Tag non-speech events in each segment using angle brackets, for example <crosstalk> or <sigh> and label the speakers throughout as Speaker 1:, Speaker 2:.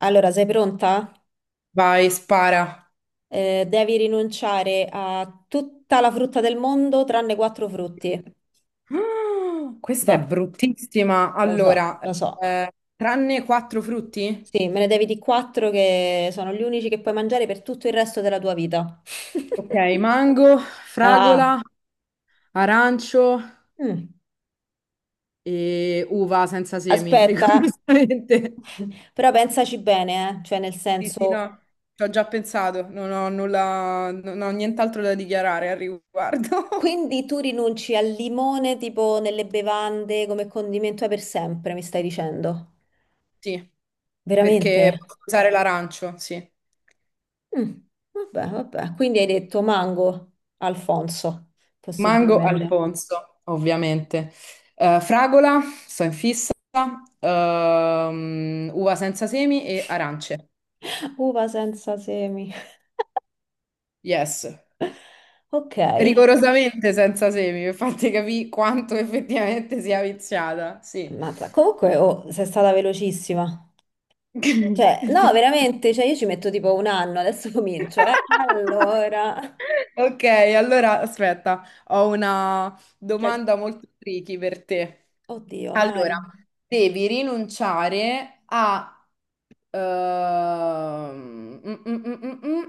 Speaker 1: Allora, sei pronta?
Speaker 2: Vai, spara.
Speaker 1: Devi rinunciare a tutta la frutta del mondo tranne quattro frutti.
Speaker 2: Ah, questa
Speaker 1: Va,
Speaker 2: è bruttissima. Allora,
Speaker 1: lo so.
Speaker 2: tranne quattro frutti?
Speaker 1: Sì, me ne devi di quattro che sono gli unici che puoi mangiare per tutto il resto della tua vita.
Speaker 2: Ok, mango,
Speaker 1: Ah,
Speaker 2: fragola, arancio
Speaker 1: mm.
Speaker 2: e uva senza semi, <laughs>
Speaker 1: Aspetta,
Speaker 2: rigorosamente.
Speaker 1: <laughs> però pensaci bene, eh. Cioè nel
Speaker 2: Sì, sì,
Speaker 1: senso,
Speaker 2: no, ci ho già pensato, non ho nulla, non ho nient'altro da dichiarare al riguardo. <laughs>
Speaker 1: quindi tu rinunci al limone tipo nelle bevande come condimento per sempre, mi stai dicendo?
Speaker 2: Sì,
Speaker 1: Veramente?
Speaker 2: perché posso usare l'arancio, sì.
Speaker 1: Mm, vabbè, vabbè. Quindi hai detto mango, Alfonso,
Speaker 2: Mango,
Speaker 1: possibilmente.
Speaker 2: Alfonso, ovviamente. Fragola, sto in fissa. Uva senza semi e arance.
Speaker 1: Uva senza semi.
Speaker 2: Yes.
Speaker 1: Ok,
Speaker 2: Rigorosamente senza semi, per farti capire quanto effettivamente sia viziata. Sì.
Speaker 1: ammazza. Comunque, oh, sei stata velocissima. Cioè, no,
Speaker 2: <laughs>
Speaker 1: veramente, cioè io ci metto tipo un anno, adesso <laughs> comincio, eh. Allora,
Speaker 2: Ok, allora aspetta, ho una
Speaker 1: cioè,
Speaker 2: domanda molto tricky per te.
Speaker 1: oddio,
Speaker 2: Allora,
Speaker 1: vai.
Speaker 2: devi rinunciare a… ehm, mm, mm, mm, mm, mm.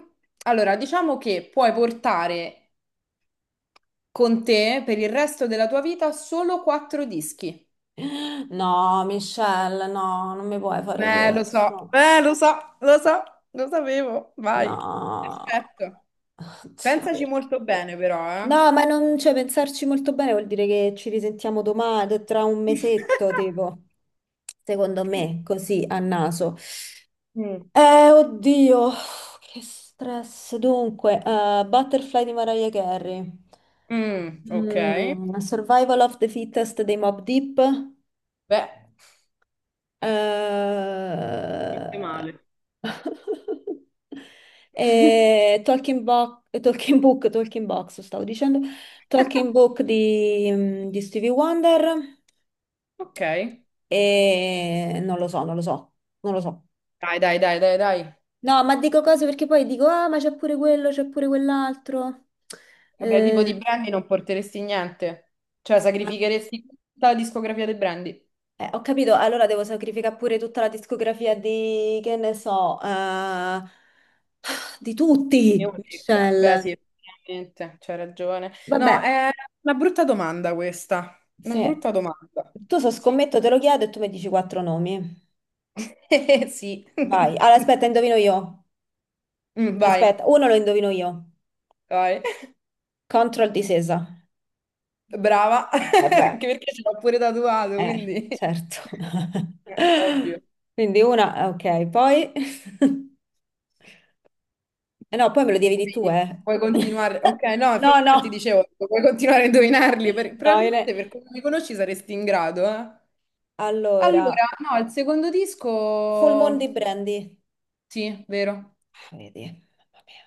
Speaker 2: Allora, diciamo che puoi portare con te per il resto della tua vita solo quattro dischi.
Speaker 1: No, Michelle, no, non mi puoi fare
Speaker 2: Lo so,
Speaker 1: questo.
Speaker 2: lo so, lo sapevo, vai.
Speaker 1: No.
Speaker 2: Perfetto.
Speaker 1: <laughs> Oddio,
Speaker 2: Pensaci
Speaker 1: perché?
Speaker 2: molto bene, però, eh.
Speaker 1: No, ma non, cioè, pensarci molto bene vuol dire che ci risentiamo domani, tra un mesetto,
Speaker 2: <laughs>
Speaker 1: tipo, secondo me, così a naso.
Speaker 2: Mm.
Speaker 1: Oddio, che stress. Dunque, Butterfly di Mariah Carey,
Speaker 2: Mm, ok.
Speaker 1: mm, Survival of the Fittest dei Mob Deep,
Speaker 2: Beh, niente
Speaker 1: eh,
Speaker 2: male.
Speaker 1: <laughs>
Speaker 2: <laughs>
Speaker 1: e Talking Book, Talking Box, stavo dicendo, Talking Book di, di Stevie Wonder
Speaker 2: Ok.
Speaker 1: e non lo so, non lo so.
Speaker 2: Dai, dai, dai, dai, dai.
Speaker 1: No, ma dico cose perché poi dico, ah, ma c'è pure quello, c'è pure quell'altro.
Speaker 2: Vabbè, tipo
Speaker 1: Eh,
Speaker 2: di Brandy non porteresti niente. Cioè,
Speaker 1: sì,
Speaker 2: sacrificheresti tutta la discografia dei Brandy.
Speaker 1: ho capito, allora devo sacrificare pure tutta la discografia di, che ne so, di tutti,
Speaker 2: Unica. Beh, sì,
Speaker 1: Michelle.
Speaker 2: effettivamente, c'hai ragione. No,
Speaker 1: Vabbè,
Speaker 2: è una brutta domanda questa. Una
Speaker 1: sì.
Speaker 2: brutta domanda.
Speaker 1: Tu so
Speaker 2: Sì.
Speaker 1: scommetto, te lo chiedo e tu mi dici quattro nomi.
Speaker 2: <laughs> Sì.
Speaker 1: Vai. Allora, aspetta, indovino io.
Speaker 2: Mm, vai,
Speaker 1: Aspetta, uno lo indovino io.
Speaker 2: vai.
Speaker 1: Control disesa.
Speaker 2: Brava. <laughs>
Speaker 1: Eh beh,
Speaker 2: Anche perché ce l'ho pure tatuato, quindi
Speaker 1: certo. <laughs>
Speaker 2: ovvio.
Speaker 1: Quindi una, ah, ok, poi... <laughs> Eh no, poi me lo devi di tu,
Speaker 2: Puoi,
Speaker 1: eh.
Speaker 2: puoi continuare. Ok,
Speaker 1: <laughs>
Speaker 2: no, infatti
Speaker 1: No.
Speaker 2: dicevo, puoi continuare a indovinarli.
Speaker 1: No,
Speaker 2: Probabilmente per come mi conosci saresti in grado, eh.
Speaker 1: allora,
Speaker 2: Allora, no, il secondo
Speaker 1: Full Moon
Speaker 2: disco…
Speaker 1: di Brandy.
Speaker 2: Sì, vero.
Speaker 1: Ah, vedi.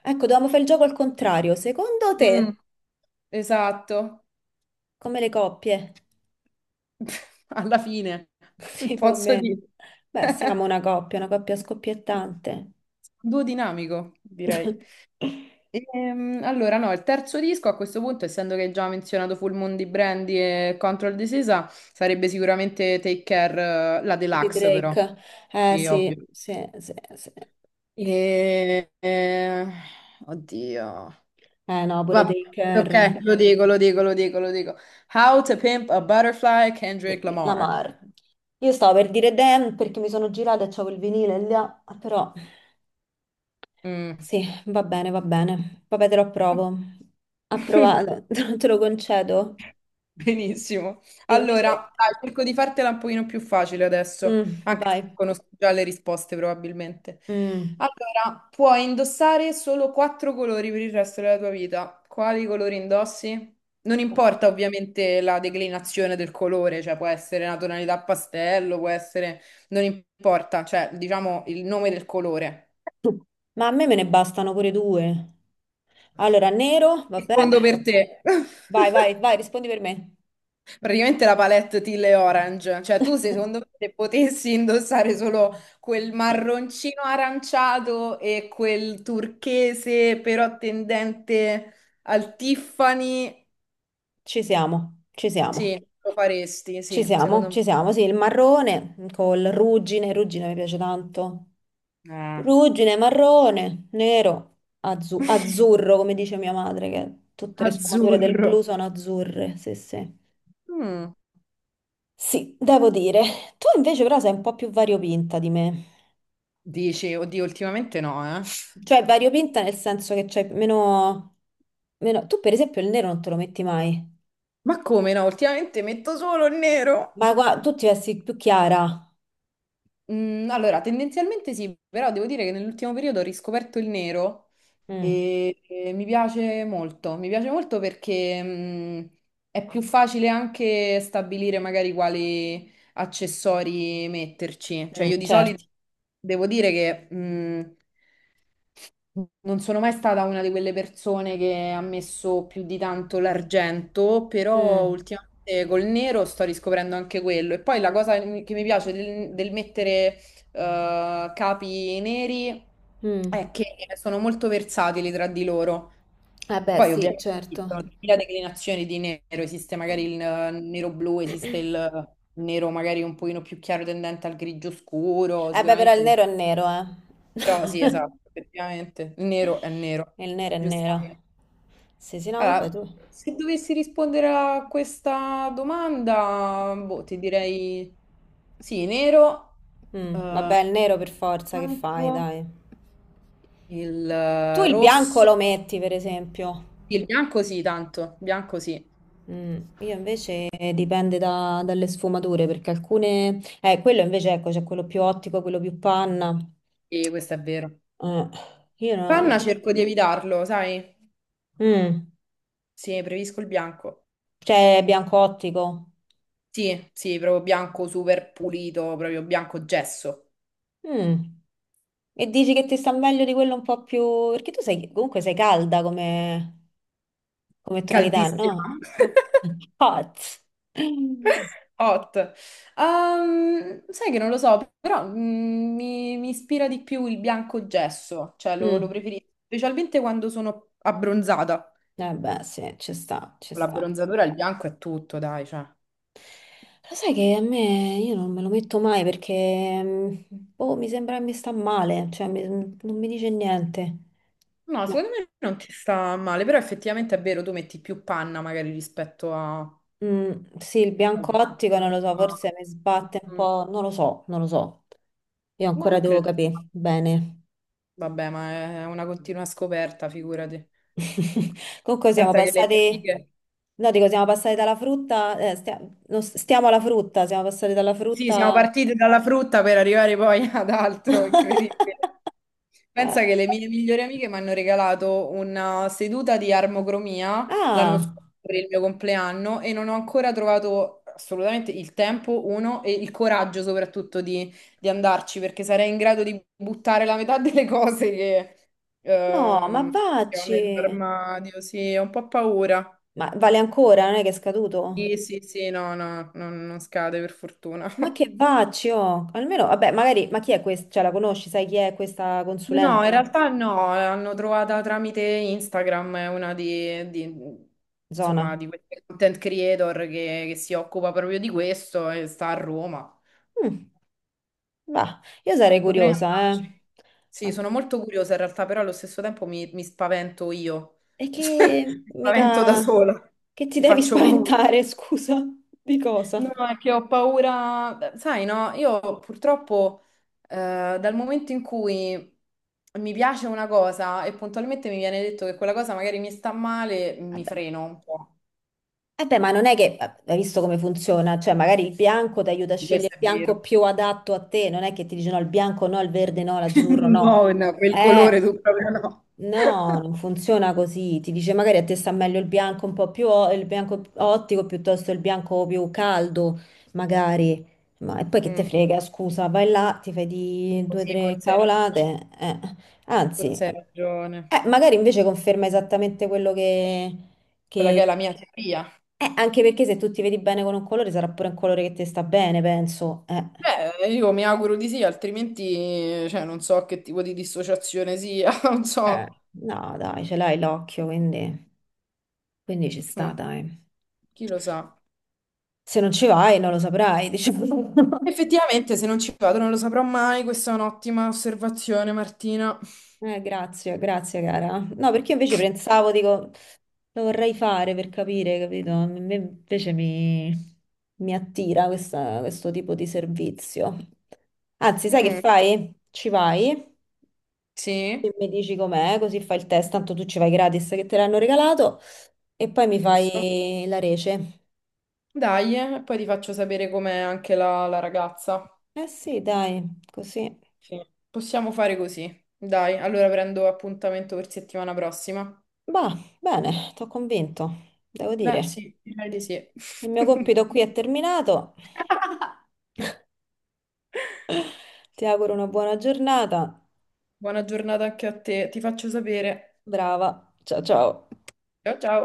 Speaker 1: Ecco, dovevamo fare il gioco al contrario. Secondo
Speaker 2: Mm,
Speaker 1: te,
Speaker 2: esatto.
Speaker 1: come le coppie?
Speaker 2: <laughs> Alla fine,
Speaker 1: Sì, più o
Speaker 2: posso
Speaker 1: meno.
Speaker 2: dire.
Speaker 1: Beh, siamo una coppia scoppiettante.
Speaker 2: Duo dinamico, direi.
Speaker 1: <laughs>
Speaker 2: Allora, no, il terzo disco a questo punto, essendo che hai già menzionato Full Moon di Brandy e Control the Sisa, sarebbe sicuramente Take Care, la
Speaker 1: Di
Speaker 2: deluxe però.
Speaker 1: Drake. Eh
Speaker 2: Sì,
Speaker 1: sì,
Speaker 2: ovvio.
Speaker 1: sì, sì.
Speaker 2: E... eh, Oddio.
Speaker 1: Eh no, pure
Speaker 2: Vabbè,
Speaker 1: Taker,
Speaker 2: ok, lo dico. How to Pimp a Butterfly, Kendrick Lamar.
Speaker 1: Lamar. Io stavo per dire Damn perché mi sono girata e c'avevo il vinile là, però
Speaker 2: Mm.
Speaker 1: sì, va bene, va bene. Vabbè, te lo approvo.
Speaker 2: <laughs>
Speaker 1: Approvato, <laughs> te lo concedo.
Speaker 2: Benissimo.
Speaker 1: Invece,
Speaker 2: Allora, dai, cerco di fartela un pochino più facile adesso,
Speaker 1: mm,
Speaker 2: anche se
Speaker 1: vai.
Speaker 2: conosco già le risposte probabilmente.
Speaker 1: Mm.
Speaker 2: Allora, puoi indossare solo quattro colori per il resto della tua vita. Quali colori indossi? Non importa ovviamente la declinazione del colore, cioè può essere una tonalità pastello, può essere… Non importa, cioè diciamo il nome del colore.
Speaker 1: Ma a me me ne bastano pure due. Allora, nero, vabbè,
Speaker 2: Rispondo per te.
Speaker 1: vai,
Speaker 2: <laughs>
Speaker 1: rispondi per me.
Speaker 2: Praticamente la palette Teal e Orange, cioè tu se, secondo
Speaker 1: <laughs>
Speaker 2: me se potessi indossare solo quel marroncino aranciato e quel turchese però tendente al Tiffany,
Speaker 1: Ci siamo, ci
Speaker 2: sì,
Speaker 1: siamo,
Speaker 2: lo faresti,
Speaker 1: ci
Speaker 2: sì,
Speaker 1: siamo,
Speaker 2: secondo
Speaker 1: ci
Speaker 2: me.
Speaker 1: siamo. Sì, il marrone col ruggine, ruggine mi piace tanto.
Speaker 2: Ah.
Speaker 1: Ruggine, marrone, nero,
Speaker 2: <laughs>
Speaker 1: azzurro, come dice mia madre, che tutte le sfumature del
Speaker 2: Azzurro.
Speaker 1: blu sono azzurre. Sì, sì.
Speaker 2: Mm.
Speaker 1: Sì, devo dire. Tu invece però sei un po' più variopinta di me.
Speaker 2: Dici, oddio, ultimamente no, eh.
Speaker 1: Cioè, variopinta nel senso che c'hai meno, meno... Tu per esempio il nero non te lo metti mai.
Speaker 2: Ma come no? Ultimamente metto solo il nero.
Speaker 1: Ma guarda, tu ti vesti più chiara.
Speaker 2: Mm, allora, tendenzialmente sì, però devo dire che nell'ultimo periodo ho riscoperto il nero.
Speaker 1: Mm.
Speaker 2: E, mi piace molto perché è più facile anche stabilire magari quali accessori metterci. Cioè
Speaker 1: Mm,
Speaker 2: io di solito
Speaker 1: certo.
Speaker 2: devo dire che non sono mai stata una di quelle persone che ha messo più di tanto l'argento, però
Speaker 1: Mm,
Speaker 2: ultimamente col nero sto riscoprendo anche quello. E poi la cosa che mi piace del mettere capi neri
Speaker 1: mm.
Speaker 2: è che sono molto versatili tra di loro.
Speaker 1: Eh beh,
Speaker 2: Poi
Speaker 1: sì,
Speaker 2: ovviamente esistono
Speaker 1: certo.
Speaker 2: mille declinazioni di nero, esiste magari il nero blu, esiste il nero magari un pochino più chiaro tendente al grigio scuro,
Speaker 1: Eh beh, però il
Speaker 2: sicuramente
Speaker 1: nero è nero, eh.
Speaker 2: però sì, esatto, effettivamente, il nero è
Speaker 1: <laughs>
Speaker 2: nero,
Speaker 1: Il nero è nero.
Speaker 2: giustamente.
Speaker 1: Sì, sì, no, vabbè, tu.
Speaker 2: Allora, se dovessi rispondere a questa domanda, boh, ti direi sì, nero,
Speaker 1: Mm,
Speaker 2: eh,
Speaker 1: vabbè, il nero per forza, che fai,
Speaker 2: bianco,
Speaker 1: dai.
Speaker 2: il
Speaker 1: Tu il bianco
Speaker 2: rosso,
Speaker 1: lo metti, per esempio.
Speaker 2: il bianco sì, tanto, bianco sì,
Speaker 1: Mm, io invece dipende dalle sfumature, perché alcune... quello invece, ecco, c'è quello più ottico, quello più panna.
Speaker 2: e questo è vero.
Speaker 1: Eh, io no,
Speaker 2: Panna
Speaker 1: no.
Speaker 2: cerco di evitarlo, sai?
Speaker 1: Mm,
Speaker 2: Sì, preferisco il bianco.
Speaker 1: cioè, bianco ottico.
Speaker 2: Sì, sì, proprio bianco super pulito, proprio bianco gesso,
Speaker 1: Mm. E dici che ti sta meglio di quello un po' più... Perché tu sei, comunque sei calda come, come tonalità,
Speaker 2: caldissimo.
Speaker 1: no?
Speaker 2: <laughs>
Speaker 1: Hot.
Speaker 2: Hot. Sai che non lo so, però mi ispira di più il bianco gesso, cioè lo
Speaker 1: Mm.
Speaker 2: preferisco, specialmente quando sono abbronzata.
Speaker 1: Eh beh, sì, ci sta, ci
Speaker 2: Con
Speaker 1: sta.
Speaker 2: l'abbronzatura, il bianco è tutto, dai, cioè.
Speaker 1: Lo sai che a me io non me lo metto mai perché mm, boh, mi sembra che mi sta male, non mi dice niente.
Speaker 2: No,
Speaker 1: Boh.
Speaker 2: secondo me non ti sta male, però effettivamente è vero, tu metti più panna magari
Speaker 1: Mm, sì, il
Speaker 2: al
Speaker 1: bianco
Speaker 2: bianco.
Speaker 1: ottico non lo so,
Speaker 2: Ma
Speaker 1: forse mi sbatte un
Speaker 2: mm,
Speaker 1: po', non lo so, non lo so. Io
Speaker 2: ma
Speaker 1: ancora
Speaker 2: non
Speaker 1: devo
Speaker 2: credo.
Speaker 1: capire bene.
Speaker 2: Vabbè, ma è una continua scoperta, figurati.
Speaker 1: <laughs> Comunque siamo
Speaker 2: Pensa che le mie
Speaker 1: passati,
Speaker 2: amiche…
Speaker 1: no, dico, siamo passati dalla frutta, stia- non s- stiamo alla frutta, siamo passati dalla
Speaker 2: Sì, siamo
Speaker 1: frutta.
Speaker 2: partiti dalla frutta per arrivare poi <laughs> ad altro, incredibile.
Speaker 1: <laughs>
Speaker 2: Pensa che le mie migliori amiche mi hanno regalato una seduta di armocromia l'anno
Speaker 1: Ah,
Speaker 2: scorso per il mio compleanno e non ho ancora trovato assolutamente il tempo, uno, e il coraggio soprattutto di andarci perché sarei in grado di buttare la metà <laughs> delle cose
Speaker 1: no, ma
Speaker 2: che ho
Speaker 1: vacci.
Speaker 2: nell'armadio. Sì, ho un po' paura.
Speaker 1: Ma vale ancora, non è che è scaduto?
Speaker 2: Sì, sì, sì, no, no, non scade per fortuna.
Speaker 1: Ma che vacci, oh. Almeno, vabbè, magari, ma chi è questa? Cioè, la conosci, sai chi è questa
Speaker 2: No, in
Speaker 1: consulente?
Speaker 2: realtà no, l'hanno trovata tramite Instagram, è una
Speaker 1: Zona.
Speaker 2: insomma, di queste content creator che si occupa proprio di questo e sta a Roma.
Speaker 1: Mm, va, io sarei
Speaker 2: Potrei
Speaker 1: curiosa,
Speaker 2: andarci.
Speaker 1: eh.
Speaker 2: Sì,
Speaker 1: Ma
Speaker 2: sono molto curiosa in realtà, però allo stesso tempo mi spavento io.
Speaker 1: e che
Speaker 2: <laughs> Mi spavento da
Speaker 1: mica...
Speaker 2: sola,
Speaker 1: che ti
Speaker 2: mi
Speaker 1: devi <laughs>
Speaker 2: faccio paura.
Speaker 1: spaventare, scusa? Di cosa?
Speaker 2: No, è che ho paura, sai, no, io purtroppo dal momento in cui mi piace una cosa e puntualmente mi viene detto che quella cosa magari mi sta male, mi
Speaker 1: Vabbè.
Speaker 2: freno un po'.
Speaker 1: Eh beh, ma non è che hai visto come funziona, cioè magari il bianco ti aiuta a scegliere
Speaker 2: Questo
Speaker 1: il
Speaker 2: è
Speaker 1: bianco
Speaker 2: vero.
Speaker 1: più adatto a te, non è che ti dice no, il bianco no, il verde no, l'azzurro
Speaker 2: <laughs>
Speaker 1: no.
Speaker 2: No, no, quel
Speaker 1: Eh,
Speaker 2: colore tu proprio no.
Speaker 1: no, non funziona così, ti dice magari a te sta meglio il bianco un po' più, il bianco ottico piuttosto il bianco più caldo, magari. Ma e poi che te
Speaker 2: Mm,
Speaker 1: frega, scusa, vai là, ti fai di due o
Speaker 2: così,
Speaker 1: tre
Speaker 2: forse hai ragione.
Speaker 1: cavolate, eh. Anzi,
Speaker 2: Forse hai ragione.
Speaker 1: magari invece conferma esattamente quello che
Speaker 2: Quella che
Speaker 1: che-
Speaker 2: è la mia teoria.
Speaker 1: anche perché se tu ti vedi bene con un colore sarà pure un colore che ti sta bene, penso.
Speaker 2: Beh, io mi auguro di sì, altrimenti, cioè, non so che tipo di dissociazione sia, <laughs> non
Speaker 1: Eh,
Speaker 2: so.
Speaker 1: no, dai, ce l'hai l'occhio, quindi ci sta,
Speaker 2: Mm,
Speaker 1: dai.
Speaker 2: chi lo sa.
Speaker 1: Se non ci vai, non lo saprai, diciamo. <laughs>
Speaker 2: Effettivamente, se non ci vado non lo saprò mai, questa è un'ottima osservazione, Martina.
Speaker 1: Grazie, grazie, cara. No, perché io invece pensavo, dico, lo vorrei fare per capire, capito? A me invece mi attira questo tipo di servizio. Anzi, sai che
Speaker 2: Mm,
Speaker 1: fai? Ci vai? E
Speaker 2: sì,
Speaker 1: mi dici com'è, così fai il test, tanto tu ci vai gratis che te l'hanno regalato e poi mi
Speaker 2: giusto.
Speaker 1: fai la rece.
Speaker 2: Dai, e poi ti faccio sapere com'è anche la ragazza.
Speaker 1: Eh sì, dai, così.
Speaker 2: Sì. Possiamo fare così. Dai, allora prendo appuntamento per settimana prossima.
Speaker 1: Bah, bene, t'ho convinto, devo
Speaker 2: Beh,
Speaker 1: dire.
Speaker 2: sì, direi di sì.
Speaker 1: Il mio compito qui
Speaker 2: <laughs>
Speaker 1: è terminato. Ti auguro una buona giornata.
Speaker 2: Buona giornata anche a te, ti faccio sapere.
Speaker 1: Brava. Ciao ciao.
Speaker 2: Ciao ciao.